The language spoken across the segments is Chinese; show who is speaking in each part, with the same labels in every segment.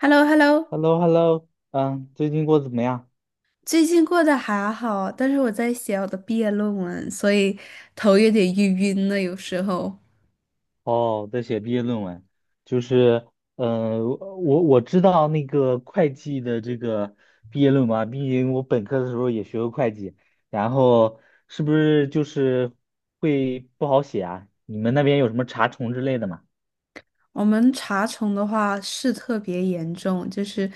Speaker 1: h e l l o h e l l o
Speaker 2: h e l l o h e l l o 嗯，最近过得怎么样？
Speaker 1: 最近过得还好，但是我在写我的毕业论文，所以头有点晕晕的。有时候
Speaker 2: 哦，在写毕业论文，就是，我知道那个会计的这个毕业论文啊，毕竟我本科的时候也学过会计，然后是不是就是会不好写啊？你们那边有什么查重之类的吗？
Speaker 1: 我们查重的话是特别严重，就是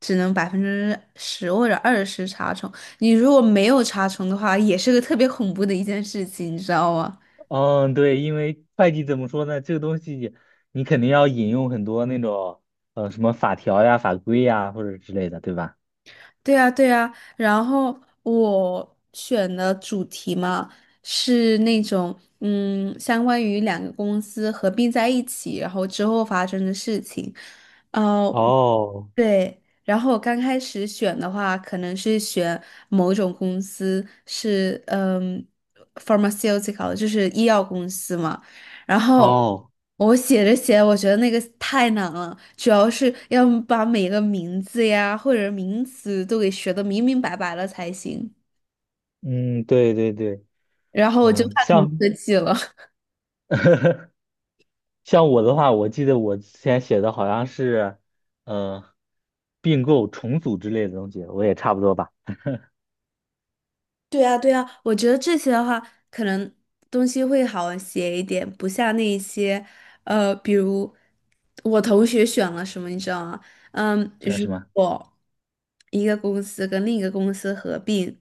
Speaker 1: 只能10%或者20查重。你如果没有查重的话，也是个特别恐怖的一件事情，你知道吗？
Speaker 2: 嗯，对，因为会计怎么说呢，这个东西你肯定要引用很多那种什么法条呀、法规呀或者之类的，对吧？
Speaker 1: 对呀，对呀，然后我选的主题嘛，是那种相关于两个公司合并在一起，然后之后发生的事情。呃，
Speaker 2: 哦
Speaker 1: 对，然后我刚开始选的话，可能是选某种公司是pharmaceutical，就是医药公司嘛。然后
Speaker 2: 哦，
Speaker 1: 我写着写，我觉得那个太难了，主要是要把每个名字呀或者名词都给学的明明白白了才行。
Speaker 2: 嗯，对对对，
Speaker 1: 然后我就
Speaker 2: 嗯，
Speaker 1: 怕成
Speaker 2: 像
Speaker 1: 科技了。
Speaker 2: 像我的话，我记得我之前写的好像是，呃，并购、重组之类的东西，我也差不多吧，
Speaker 1: 对啊，对啊，我觉得这些的话，可能东西会好写一点，不像那一些，比如我同学选了什么，你知道吗？
Speaker 2: 算
Speaker 1: 如
Speaker 2: 是吗？
Speaker 1: 果一个公司跟另一个公司合并，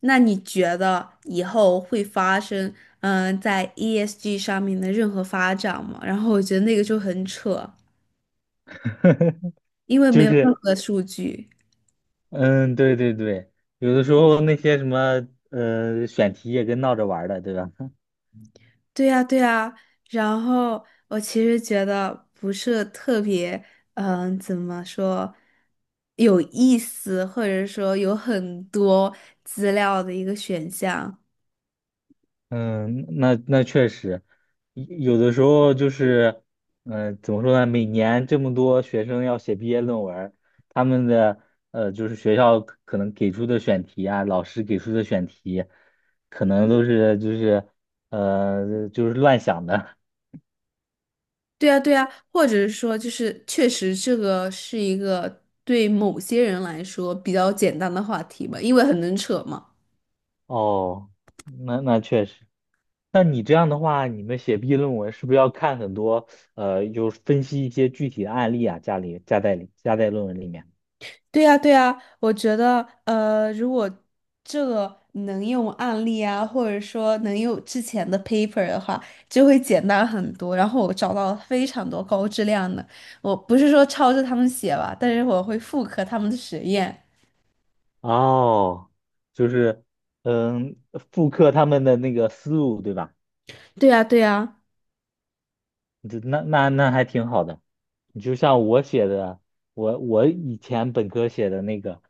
Speaker 1: 那你觉得以后会发生，在 ESG 上面的任何发展吗？然后我觉得那个就很扯，因为没
Speaker 2: 就
Speaker 1: 有任
Speaker 2: 是，
Speaker 1: 何数据。
Speaker 2: 嗯，对对对，有的时候那些什么，选题也跟闹着玩儿的，对吧？
Speaker 1: 对呀，对呀，然后我其实觉得不是特别，怎么说，有意思，或者说有很多资料的一个选项。
Speaker 2: 嗯，那那确实，有的时候就是，嗯，怎么说呢？每年这么多学生要写毕业论文儿，他们的呃，就是学校可能给出的选题啊，老师给出的选题，可能都是就是乱想的。
Speaker 1: 对呀，对呀，或者是说，就是确实这个是一个对某些人来说比较简单的话题吧，因为很能扯嘛。
Speaker 2: 哦，那那确实。那你这样的话，你们写毕业论文是不是要看很多就是分析一些具体的案例啊，家里加在里加在论文里面？
Speaker 1: 对呀，对呀，我觉得，如果这个能用案例啊，或者说能用之前的 paper 的话，就会简单很多。然后我找到了非常多高质量的，我不是说抄着他们写吧，但是我会复刻他们的实验。
Speaker 2: 哦，就是嗯，复刻他们的那个思路，对吧？
Speaker 1: 对呀，对呀，
Speaker 2: 这那那那还挺好的。你就像我写的，我以前本科写的那个，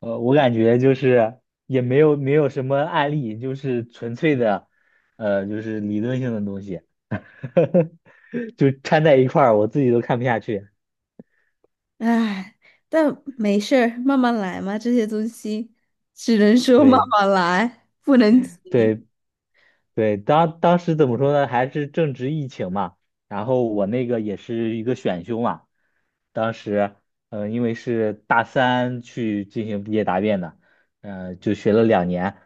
Speaker 2: 我感觉就是也没有什么案例，就是纯粹的，就是理论性的东西，就掺在一块儿，我自己都看不下去。
Speaker 1: 唉，但没事儿，慢慢来嘛，这些东西只能说慢
Speaker 2: 对，
Speaker 1: 慢来，不能急。
Speaker 2: 对。对，当时怎么说呢？还是正值疫情嘛，然后我那个也是一个选修嘛，当时，因为是大三去进行毕业答辩的，嗯、就学了两年，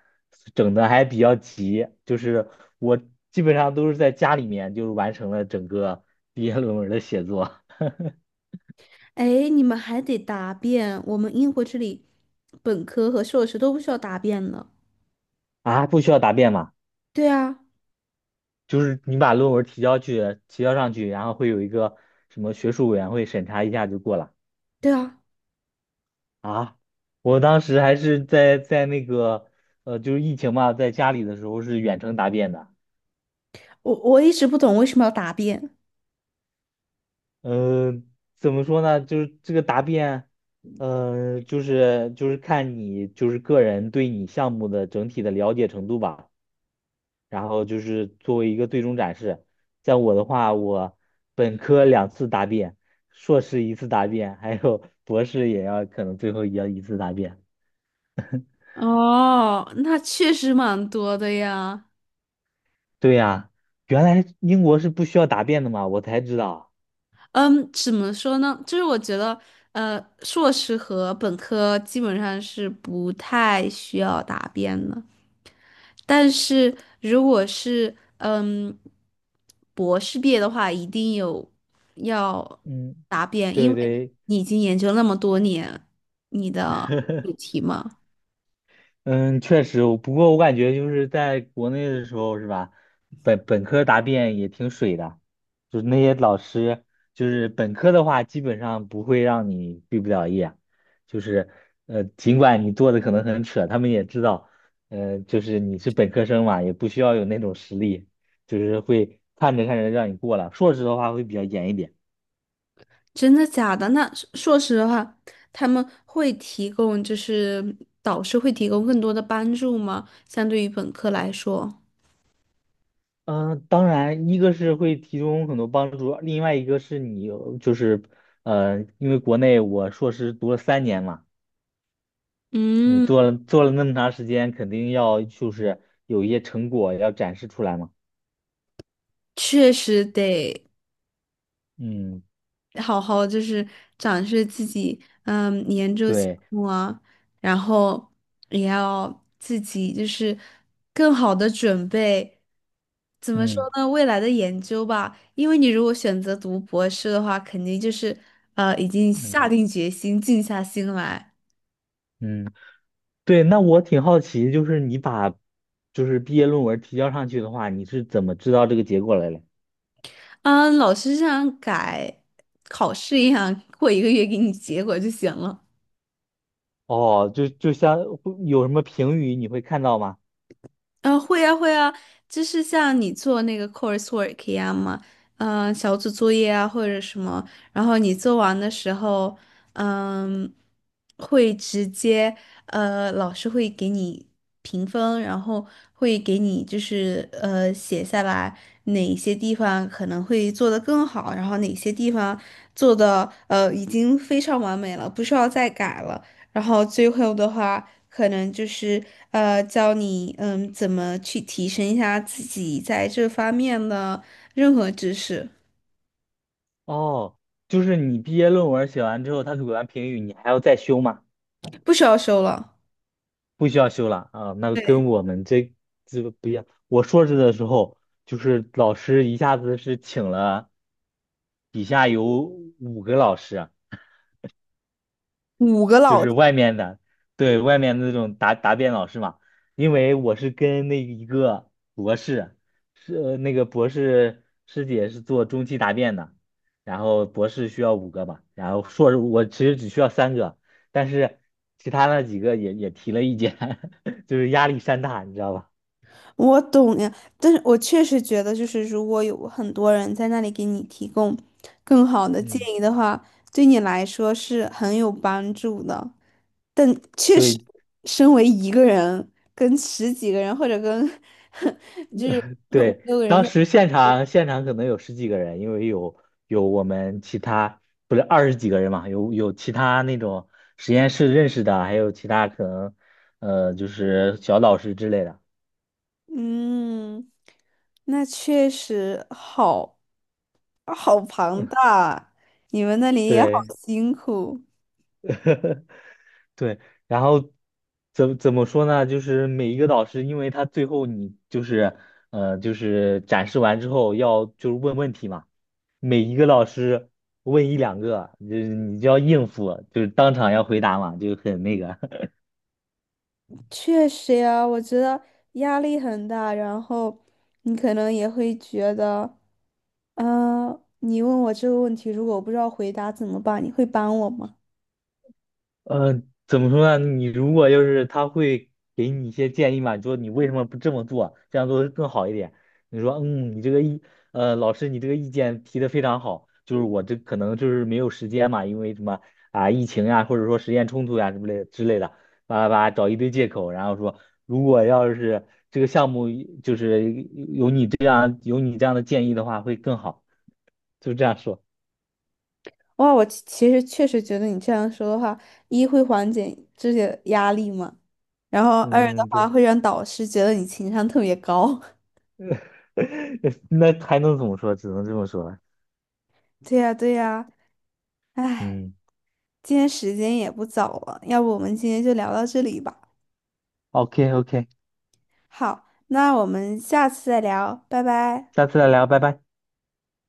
Speaker 2: 整的还比较急，就是我基本上都是在家里面就完成了整个毕业论文的写作。
Speaker 1: 哎，你们还得答辩，我们英国这里本科和硕士都不需要答辩呢。
Speaker 2: 啊，不需要答辩嘛，
Speaker 1: 对啊，
Speaker 2: 就是你把论文提交去，提交上去，然后会有一个什么学术委员会审查一下就过了。
Speaker 1: 对啊，
Speaker 2: 啊，我当时还是在那个就是疫情嘛，在家里的时候是远程答辩的。
Speaker 1: 我一直不懂为什么要答辩。
Speaker 2: 嗯、怎么说呢？就是这个答辩，就是看你就是个人对你项目的整体的了解程度吧。然后就是作为一个最终展示。像我的话，我本科两次答辩，硕士一次答辩，还有 博士也要可能最后也要一次答辩。
Speaker 1: 哦，那确实蛮多的呀。
Speaker 2: 对呀、原来英国是不需要答辩的嘛，我才知道。
Speaker 1: 嗯，怎么说呢？就是我觉得，硕士和本科基本上是不太需要答辩的。但是如果是博士毕业的话，一定有要
Speaker 2: 嗯，
Speaker 1: 答辩，因
Speaker 2: 对
Speaker 1: 为
Speaker 2: 对，
Speaker 1: 你已经研究那么多年你的主 题嘛。
Speaker 2: 嗯，确实，不过我感觉就是在国内的时候，是吧？本科答辩也挺水的，就是那些老师，就是本科的话，基本上不会让你毕不了业，就是尽管你做的可能很扯，他们也知道，就是你是本科生嘛，也不需要有那种实力，就是会看着看着让你过了。硕士的话会比较严一点。
Speaker 1: 真的假的？那说说实话，他们会提供，就是导师会提供更多的帮助吗？相对于本科来说，
Speaker 2: 嗯，当然，一个是会提供很多帮助，另外一个是你有就是，因为国内我硕士读了三年嘛，你
Speaker 1: 嗯，
Speaker 2: 做了那么长时间，肯定要就是有一些成果要展示出来嘛。
Speaker 1: 确实得
Speaker 2: 嗯，
Speaker 1: 好好就是展示自己，研究项
Speaker 2: 对，
Speaker 1: 目啊，然后也要自己就是更好的准备。怎么说
Speaker 2: 嗯
Speaker 1: 呢？未来的研究吧，因为你如果选择读博士的话，肯定就是已经下
Speaker 2: 嗯
Speaker 1: 定决心，静下心来。
Speaker 2: 嗯，对。那我挺好奇，就是你把就是毕业论文提交上去的话，你是怎么知道这个结果来的？
Speaker 1: 嗯，老师这样改考试一样，过一个月给你结果就行了。
Speaker 2: 哦，就像会有什么评语你会看到吗？
Speaker 1: 会呀，会呀，就是像你做那个 coursework 一样嘛，小组作业啊或者什么，然后你做完的时候，嗯、会直接老师会给你评分，然后会给你就是写下来哪些地方可能会做得更好，然后哪些地方做的已经非常完美了，不需要再改了。然后最后的话，可能就是教你怎么去提升一下自己在这方面的任何知识，
Speaker 2: 哦，就是你毕业论文写完之后，他给完评语，你还要再修吗？
Speaker 1: 不需要收了。
Speaker 2: 不需要修了啊，那跟我们这个不一样。我硕士的时候，就是老师一下子是请了底下有五个老师，
Speaker 1: 五个
Speaker 2: 就
Speaker 1: 老
Speaker 2: 是
Speaker 1: 师
Speaker 2: 外面的，对外面的那种答辩老师嘛，因为我是跟那一个博士，是那个博士师姐是做中期答辩的，然后博士需要五个吧，然后硕士我其实只需要三个，但是其他那几个也提了意见，就是压力山大，你知道吧？
Speaker 1: 我懂呀，但是我确实觉得，就是如果有很多人在那里给你提供更好的建
Speaker 2: 嗯，
Speaker 1: 议的话，对你来说是很有帮助的。但确实，
Speaker 2: 对。
Speaker 1: 身为一个人跟十几个人或者跟 就是五
Speaker 2: 对，
Speaker 1: 六个人
Speaker 2: 当
Speaker 1: 在。
Speaker 2: 时现场可能有十几个人，因为有我们其他不是二十几个人嘛，有其他那种实验室认识的，还有其他可能就是小老师之类的。
Speaker 1: 嗯，那确实好，好庞大，你们那里也好
Speaker 2: 对，
Speaker 1: 辛苦。
Speaker 2: 对，然后怎么说呢？就是每一个导师，因为他最后你就是就是展示完之后要就是问问题嘛，每一个老师问一两个，就是你就要应付，就是当场要回答嘛，就很那个。
Speaker 1: 确实呀，我觉得压力很大，然后你可能也会觉得，嗯、你问我这个问题，如果我不知道回答怎么办，你会帮我吗？
Speaker 2: 呃，怎么说呢？你如果就是他会给你一些建议嘛，你说你为什么不这么做，这样做会更好一点。你说，嗯，你这个意，老师，你这个意见提的非常好，就是我这可能就是没有时间嘛，因为什么啊，疫情呀，或者说时间冲突呀什么类之类的，叭叭叭，找一堆借口，然后说，如果要是这个项目就是有你这样的建议的话，会更好，就这样说。
Speaker 1: 哇，我其实确实觉得你这样说的话，一会缓解这些压力嘛，然后二的
Speaker 2: 嗯，
Speaker 1: 话
Speaker 2: 对，
Speaker 1: 会让导师觉得你情商特别高。
Speaker 2: 那还能怎么说？只能这么说了。
Speaker 1: 对呀，对呀。唉，
Speaker 2: 嗯。
Speaker 1: 今天时间也不早了，要不我们今天就聊到这里吧。
Speaker 2: OK OK，
Speaker 1: 好，那我们下次再聊，拜拜。
Speaker 2: 下次再聊，拜拜。